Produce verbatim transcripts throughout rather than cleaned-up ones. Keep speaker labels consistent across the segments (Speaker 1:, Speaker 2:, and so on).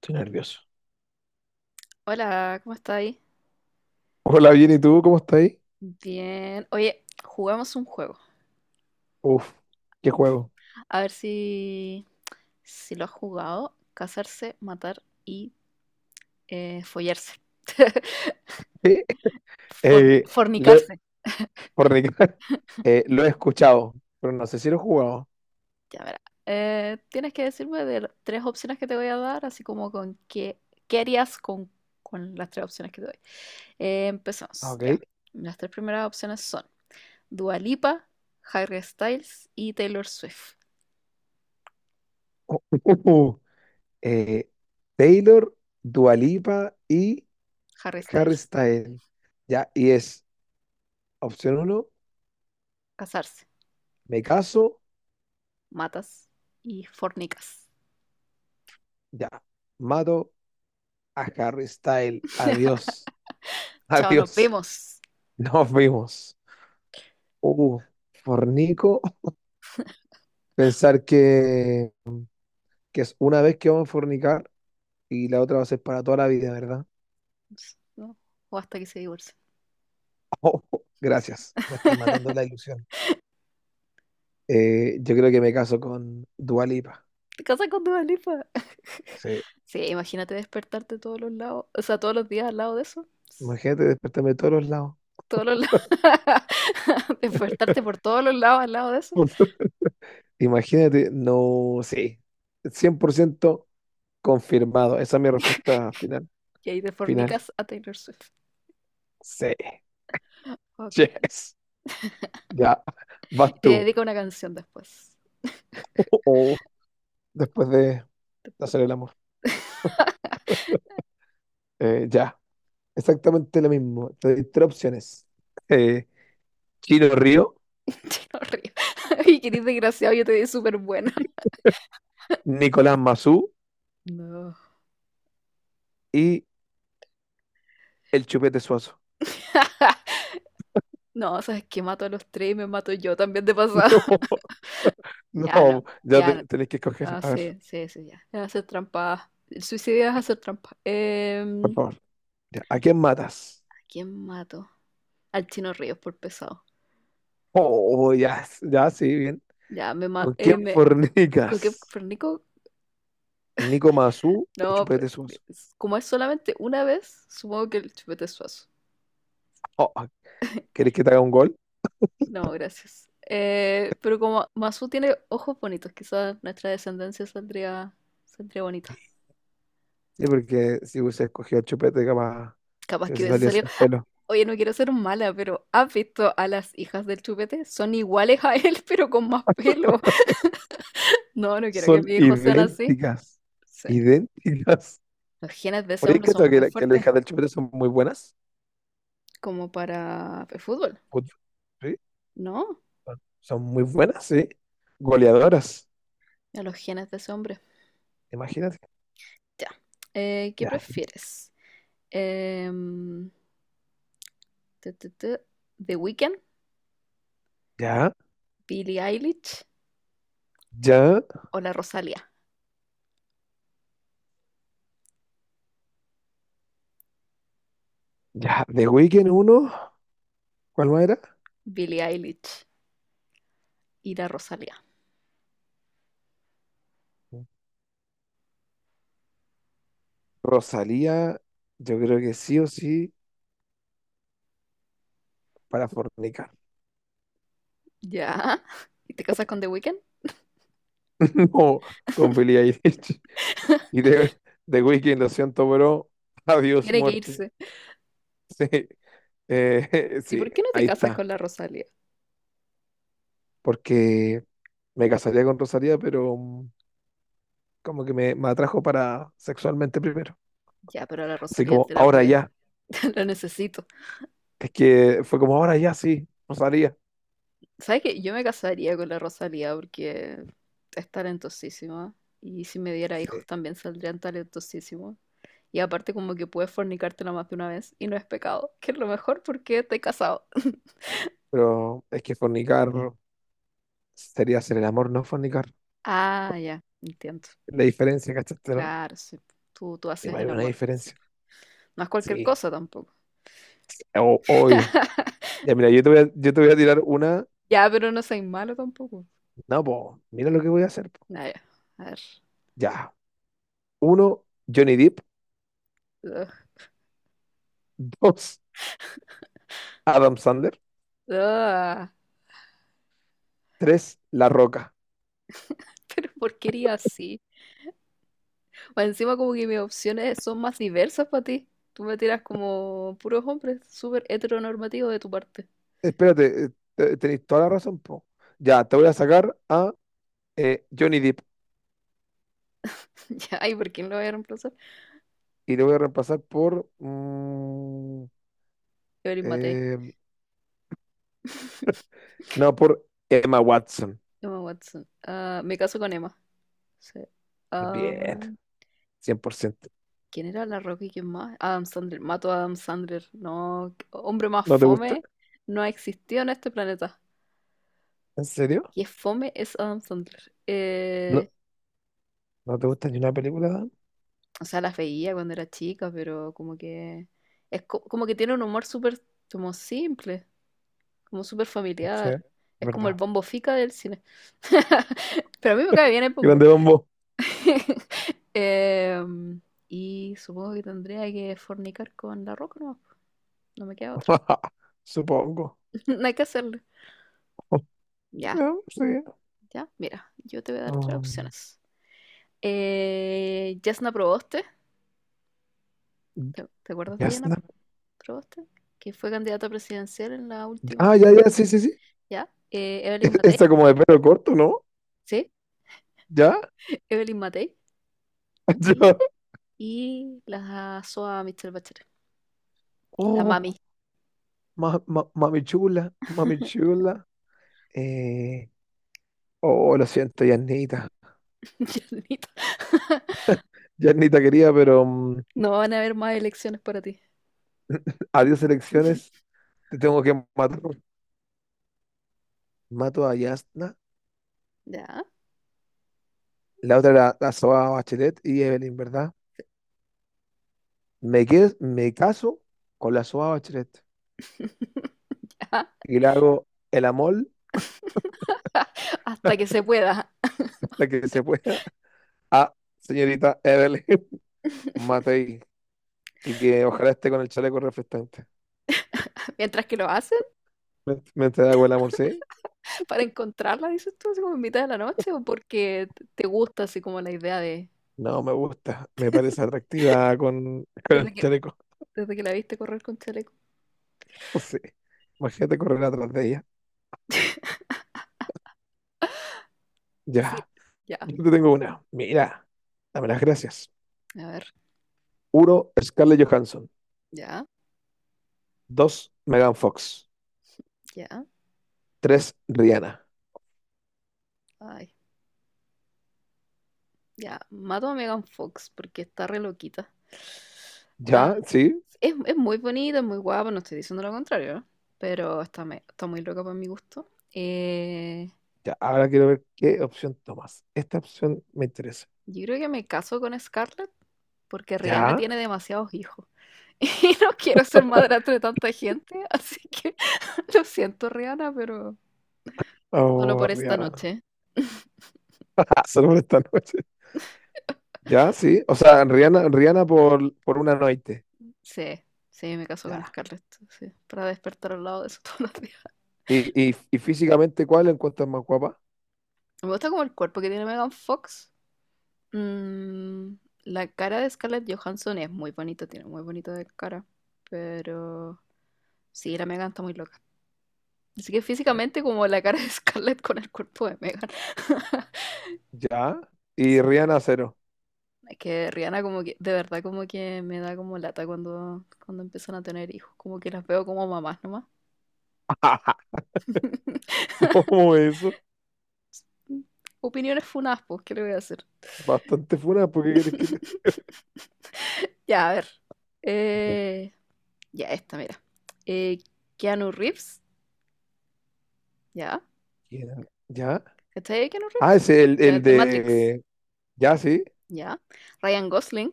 Speaker 1: Estoy nervioso.
Speaker 2: Hola, ¿cómo estáis?
Speaker 1: Hola, bien, ¿y tú? ¿Cómo estás ahí?
Speaker 2: Bien. Oye, jugamos un juego.
Speaker 1: Uf, qué juego.
Speaker 2: A ver si, si lo has jugado. Casarse, matar y eh, follarse.
Speaker 1: Eh,
Speaker 2: Forni-
Speaker 1: eh, lo,
Speaker 2: fornicarse.
Speaker 1: por Ricardo, eh, lo he escuchado, pero no sé si lo he jugado.
Speaker 2: Ya verá. Eh, tienes que decirme de las tres opciones que te voy a dar, así como con qué, qué harías con, con las tres opciones que te doy. Eh,
Speaker 1: Ah,
Speaker 2: empezamos, ya.
Speaker 1: ok.
Speaker 2: Las tres primeras opciones son Dua Lipa, Harry Styles y Taylor Swift.
Speaker 1: Eh, Taylor, Dua Lipa y
Speaker 2: Harry
Speaker 1: Harry
Speaker 2: Styles,
Speaker 1: Styles. Ya, y es opción uno,
Speaker 2: casarse.
Speaker 1: me caso,
Speaker 2: Matas y fornicas.
Speaker 1: ya, mato a Harry Styles. Adiós,
Speaker 2: Chao, nos
Speaker 1: adiós,
Speaker 2: vemos.
Speaker 1: nos vimos. Uh, Fornico, pensar que que es una vez que vamos a fornicar y la otra va a ser para toda la vida, ¿verdad?
Speaker 2: ¿No? O hasta que se divorcien.
Speaker 1: Oh, gracias, me estáis matando la ilusión. Eh, yo creo que me caso con Dua Lipa.
Speaker 2: Te casas con Dua Lipa.
Speaker 1: Sí.
Speaker 2: Sí, imagínate despertarte todos los lados, o sea, todos los días al lado de eso.
Speaker 1: Imagínate despertarme de todos los lados.
Speaker 2: Todos los lados. Despertarte por todos los lados al lado de eso.
Speaker 1: Imagínate, no, sí, cien por ciento confirmado. Esa es mi respuesta final.
Speaker 2: Y ahí te
Speaker 1: Final,
Speaker 2: fornicas a Taylor Swift.
Speaker 1: sí,
Speaker 2: Ok.
Speaker 1: yes, ya,
Speaker 2: Y
Speaker 1: vas
Speaker 2: te
Speaker 1: tú.
Speaker 2: dedico una canción después. Oh,
Speaker 1: Después de
Speaker 2: después-
Speaker 1: hacer el amor. Eh, ya, Exactamente lo mismo. Te doy tres opciones: Eh, Chino Río,
Speaker 2: Yo no río. Y que eres desgraciado, yo te di súper bueno.
Speaker 1: Nicolás Mazú
Speaker 2: No.
Speaker 1: y el Chupete Suazo.
Speaker 2: No, sabes que mato a los tres y me mato yo también de pasada.
Speaker 1: No,
Speaker 2: Ya no,
Speaker 1: no, ya
Speaker 2: ya no.
Speaker 1: te- tenéis que escoger.
Speaker 2: Ah,
Speaker 1: A ver,
Speaker 2: sí, sí, sí, ya. Es hacer trampa. El suicidio es hacer trampa.
Speaker 1: por
Speaker 2: Em,
Speaker 1: favor. Ya, ¿a quién matas?
Speaker 2: ¿a quién mato? Al Chino Ríos por pesado.
Speaker 1: Oh, ya, ya, sí, bien.
Speaker 2: Ya, me ma
Speaker 1: ¿Con quién
Speaker 2: eh, me ¿Con qué?
Speaker 1: fornicas?
Speaker 2: ¿Fernico?
Speaker 1: ¿Nico Mazú o
Speaker 2: No, pero
Speaker 1: Chupete Suazo?
Speaker 2: es- como es solamente una vez, supongo que el chupete es suazo.
Speaker 1: Oh, ah, ¿querés que te haga un gol?
Speaker 2: No, gracias. Eh, pero como Masu tiene ojos bonitos, quizás nuestra descendencia saldría, saldría bonita.
Speaker 1: Sí, porque si hubiese escogido el Chupete, capaz
Speaker 2: Capaz
Speaker 1: te
Speaker 2: que
Speaker 1: hubiese
Speaker 2: hubiese
Speaker 1: salido
Speaker 2: salido.
Speaker 1: sin pelo.
Speaker 2: Oye, no quiero ser mala, pero ¿has visto a las hijas del chupete? Son iguales a él, pero con más pelo. No, no quiero
Speaker 1: Son
Speaker 2: que mis hijos sean así.
Speaker 1: idénticas.
Speaker 2: Sí.
Speaker 1: Idénticas.
Speaker 2: Los genes de ese
Speaker 1: Oye,
Speaker 2: hombre
Speaker 1: ¿cachai
Speaker 2: son
Speaker 1: que,
Speaker 2: muy
Speaker 1: la- que las
Speaker 2: fuertes,
Speaker 1: hijas del Chupete son muy buenas?
Speaker 2: como para el fútbol,
Speaker 1: Puta, ¿sí?
Speaker 2: ¿no?
Speaker 1: Son son muy buenas, sí. Goleadoras.
Speaker 2: A los genes de ese hombre.
Speaker 1: Imagínate.
Speaker 2: Ya. Eh, ¿qué
Speaker 1: Ya,
Speaker 2: prefieres? Em, tu, tu, tu, ¿The Weeknd,
Speaker 1: ya,
Speaker 2: Billie Eilish
Speaker 1: ya,
Speaker 2: o la Rosalía?
Speaker 1: ya. The Weeknd uno, ¿cuál más era?
Speaker 2: Billie Eilish y la Rosalía.
Speaker 1: Rosalía, yo creo que sí o sí para fornicar.
Speaker 2: ¿Ya? ¿Y te casas con The Weeknd?
Speaker 1: No, con Billie Eilish. Y The, The Weeknd, lo siento, bro. Adiós,
Speaker 2: Tiene que
Speaker 1: muerte.
Speaker 2: irse.
Speaker 1: Sí, eh,
Speaker 2: ¿Y
Speaker 1: sí,
Speaker 2: por qué no te
Speaker 1: ahí
Speaker 2: casas
Speaker 1: está.
Speaker 2: con la Rosalía?
Speaker 1: Porque me casaría con Rosalía, pero mm, como que me, me atrajo para sexualmente primero.
Speaker 2: Ya, pero la
Speaker 1: Así
Speaker 2: Rosalía
Speaker 1: como
Speaker 2: te la
Speaker 1: ahora
Speaker 2: puedes,
Speaker 1: ya.
Speaker 2: la necesito.
Speaker 1: Es que fue como ahora ya sí, no sabía.
Speaker 2: ¿Sabes qué? Yo me casaría con la Rosalía porque es talentosísima y si me diera hijos
Speaker 1: Sí.
Speaker 2: también saldrían talentosísimos. Y aparte como que puedes fornicártela más de una vez y no es pecado, que es lo mejor porque te he casado.
Speaker 1: Pero es que fornicar sería hacer el amor, no fornicar.
Speaker 2: Ah, ya, entiendo.
Speaker 1: La diferencia, ¿cachaste, no?
Speaker 2: Claro, sí. Tú, tú
Speaker 1: Sí,
Speaker 2: haces
Speaker 1: pues hay
Speaker 2: el
Speaker 1: una
Speaker 2: amor. Sí.
Speaker 1: diferencia.
Speaker 2: No es cualquier
Speaker 1: Sí,
Speaker 2: cosa tampoco.
Speaker 1: O- obvio. Ya, mira, yo te voy a, yo te voy a tirar una.
Speaker 2: Ya, pero no soy malo tampoco.
Speaker 1: No, po, mira lo que voy a hacer, po.
Speaker 2: Ah, ya. A ver.
Speaker 1: Ya. Uno, Johnny Depp.
Speaker 2: Ugh.
Speaker 1: Dos, Adam Sandler.
Speaker 2: Ah,
Speaker 1: Tres, La Roca.
Speaker 2: pero porquería así. Más encima como que mis opciones son más diversas para ti. Tú me tiras como puros hombres, súper heteronormativo de tu parte.
Speaker 1: Espérate, eh, te- tenéis toda la razón, po. Ya, te voy a sacar a eh, Johnny Depp
Speaker 2: Ya, ay, ¿por quién lo voy a reemplazar?
Speaker 1: y lo voy a reemplazar por mm,
Speaker 2: Evelyn Matei.
Speaker 1: eh, no, por Emma Watson.
Speaker 2: Emma Watson. Ah, me caso con Emma. Sí. Ah,
Speaker 1: Bien, cien por ciento.
Speaker 2: ¿quién era la Rocky? ¿Quién más? Adam Sandler. Mato a Adam Sandler. No, hombre más
Speaker 1: ¿No te gusta?
Speaker 2: fome no ha existido en este planeta.
Speaker 1: ¿En serio?
Speaker 2: Y es fome es Adam Sandler.
Speaker 1: No,
Speaker 2: Eh,
Speaker 1: ¿no te gusta ni una película, Dan?
Speaker 2: O sea, las veía cuando era chica, pero como que es co- como que tiene un humor súper como simple, como súper
Speaker 1: No sé, es
Speaker 2: familiar. Es como el
Speaker 1: verdad.
Speaker 2: bombo fica del cine. Pero a mí me cae bien el bombo.
Speaker 1: Grande Bombo.
Speaker 2: Em, y supongo que tendría que fornicar con la roca, no, no me queda otra.
Speaker 1: Supongo.
Speaker 2: No hay que hacerlo. Ya,
Speaker 1: Ya, sí.
Speaker 2: ya, mira, yo te voy a dar tres
Speaker 1: Um,
Speaker 2: opciones. Eh, Jasna Proboste, ¿Te, te acuerdas de Yana
Speaker 1: Yasna-
Speaker 2: Proboste? Que fue candidata presidencial en la
Speaker 1: Ah,
Speaker 2: última,
Speaker 1: ya, ya, sí, sí, sí.
Speaker 2: ¿ya? Eh, Evelyn Matei,
Speaker 1: Está como de pelo corto, ¿no?
Speaker 2: ¿sí?
Speaker 1: ¿Ya?
Speaker 2: Evelyn Matei. Y,
Speaker 1: Yo-
Speaker 2: y la S O A Michelle Bachelet. La mami.
Speaker 1: Oh, ma- ma- mami chula, mami chula. Eh, oh, lo siento, Yasnita.
Speaker 2: Yanita.
Speaker 1: Yasnita quería, pero mm,
Speaker 2: No van a haber más elecciones para ti.
Speaker 1: adiós elecciones. Te tengo que matar Mato a Yasna,
Speaker 2: Ya.
Speaker 1: la otra era la Soa Bachelet y Evelyn, ¿verdad? Me, que- me caso con la Soa Bachelet
Speaker 2: Ya.
Speaker 1: y le hago el amor
Speaker 2: Hasta que se pueda.
Speaker 1: hasta que se pueda a señorita Evelyn Matei, y que ojalá esté con el chaleco reflectante.
Speaker 2: Mientras que lo hacen,
Speaker 1: ¿Me, me entrega el amor, sí?
Speaker 2: para encontrarla, dices tú, así como en mitad de la noche, o porque te te gusta así como la idea de...
Speaker 1: No, me gusta, me parece atractiva con, con
Speaker 2: Desde
Speaker 1: el
Speaker 2: que,
Speaker 1: chaleco,
Speaker 2: desde que la viste correr con chaleco.
Speaker 1: sí. Imagínate correr atrás de ella.
Speaker 2: Sí.
Speaker 1: Ya,
Speaker 2: Ya.
Speaker 1: yo te tengo una. Mira, dame las gracias.
Speaker 2: A ver.
Speaker 1: Uno, Scarlett Johansson.
Speaker 2: Ya,
Speaker 1: Dos, Megan Fox.
Speaker 2: ya.
Speaker 1: Tres, Rihanna.
Speaker 2: Ay, ya. Mato a Megan Fox porque está re loquita. Ah,
Speaker 1: Ya, sí.
Speaker 2: es, es muy bonita, es muy guapa, no estoy diciendo lo contrario, ¿no? Pero está, me- está muy loca para mi gusto. Eh,
Speaker 1: Ya, ahora quiero ver qué opción tomas. Esta opción me interesa.
Speaker 2: yo creo que me caso con Scarlett porque Rihanna
Speaker 1: Ya.
Speaker 2: tiene demasiados hijos y no quiero ser madrastra de tanta gente, así que lo siento, Rihanna, pero solo
Speaker 1: Oh,
Speaker 2: por esta
Speaker 1: Rihanna.
Speaker 2: noche.
Speaker 1: Ah, solo por esta noche. Ya, sí. O sea, Rihanna, Rihanna por, por una noche.
Speaker 2: Sí, sí, me caso con
Speaker 1: Ya.
Speaker 2: Scarlett, sí, para despertar al lado de su todos los días.
Speaker 1: ¿Y, y, y físicamente cuál la encuentras más guapa?
Speaker 2: Me gusta como el cuerpo que tiene Megan Fox. Mm, la cara de Scarlett Johansson es muy bonita, tiene muy bonita de cara. Pero sí, la Megan está muy loca. Así que
Speaker 1: Sí.
Speaker 2: físicamente como la cara de Scarlett con el cuerpo de Megan.
Speaker 1: Ya. Y Rihanna cero.
Speaker 2: Es que Rihanna como que, de verdad como que me da como lata cuando, cuando empiezan a tener hijos. Como que las veo como mamás nomás.
Speaker 1: ¿Cómo eso?
Speaker 2: Opiniones funas, pues, ¿qué le voy a hacer?
Speaker 1: Bastante funa, ¿por qué querés que te...
Speaker 2: Ya, a ver.
Speaker 1: Ya.
Speaker 2: Eh, Ya, esta, mira. Eh, Keanu Reeves, ya.
Speaker 1: ¿Quién era? ¿Ya?
Speaker 2: ¿Cachai de Keanu
Speaker 1: Ah,
Speaker 2: Reeves?
Speaker 1: es el,
Speaker 2: De,
Speaker 1: el
Speaker 2: de Matrix,
Speaker 1: de... Ya, sí.
Speaker 2: ya. Ryan Gosling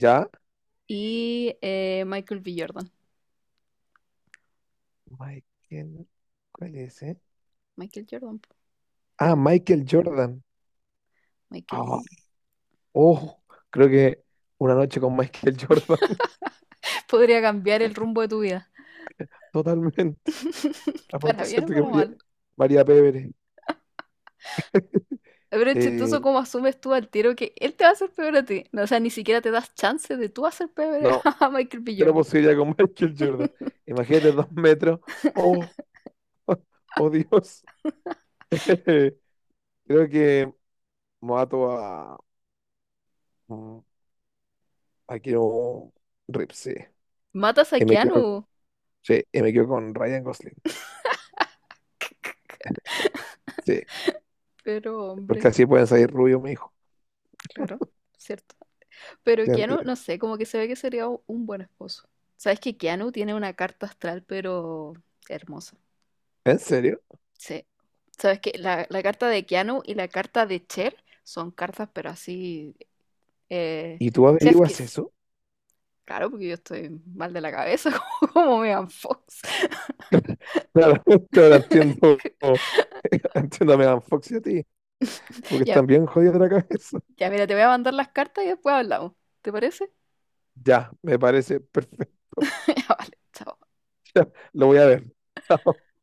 Speaker 1: Ya.
Speaker 2: y eh, Michael B. Jordan.
Speaker 1: Mike, ¿quién? ¿Cuál es, eh?
Speaker 2: Michael Jordan, po,
Speaker 1: Ah,
Speaker 2: el
Speaker 1: Michael Jordan.
Speaker 2: Michael
Speaker 1: Ah,
Speaker 2: B.
Speaker 1: oh, creo que una noche con Michael Jordan.
Speaker 2: Podría cambiar el rumbo de tu vida.
Speaker 1: Totalmente. Aparte,
Speaker 2: Para bien o
Speaker 1: siento que
Speaker 2: para
Speaker 1: María,
Speaker 2: mal.
Speaker 1: María Pérez.
Speaker 2: Pero es chistoso
Speaker 1: eh,
Speaker 2: cómo asumes tú al tiro que él te va a hacer peor a ti. No, o sea, ni siquiera te das chance de tú hacer peor
Speaker 1: no,
Speaker 2: a Michael B.
Speaker 1: cero
Speaker 2: Jordan.
Speaker 1: posibilidad con Michael Jordan. Imagínate dos metros. Oh, oh Dios. Creo que mato a. mm, a Keanu Reeves, sí.
Speaker 2: Matas a
Speaker 1: Y me
Speaker 2: Keanu.
Speaker 1: quedo, sí, y me quedo con Ryan Gosling. Sí,
Speaker 2: Pero, hombre,
Speaker 1: porque así pueden salir rubios, mi hijo.
Speaker 2: claro, cierto. Pero Keanu, no sé, como que se ve que sería u- un buen esposo. Sabes que Keanu tiene una carta astral, pero hermosa.
Speaker 1: ¿En serio?
Speaker 2: Sí. Sabes que la, la carta de Keanu y la carta de Cher son cartas, pero así. Eh,
Speaker 1: ¿Y tú
Speaker 2: chef
Speaker 1: averiguas
Speaker 2: kiss.
Speaker 1: eso?
Speaker 2: Claro, porque yo estoy mal de la cabeza, como, como Megan Fox.
Speaker 1: Claro, ahora entiendo, entiendo a Megan Fox y a ti, porque
Speaker 2: Ya,
Speaker 1: están bien jodidos de la cabeza.
Speaker 2: ya, mira, te voy a mandar las cartas y después hablamos. ¿Te parece?
Speaker 1: Ya, me parece perfecto.
Speaker 2: Ya, vale, chao.
Speaker 1: Lo voy a ver. Chao.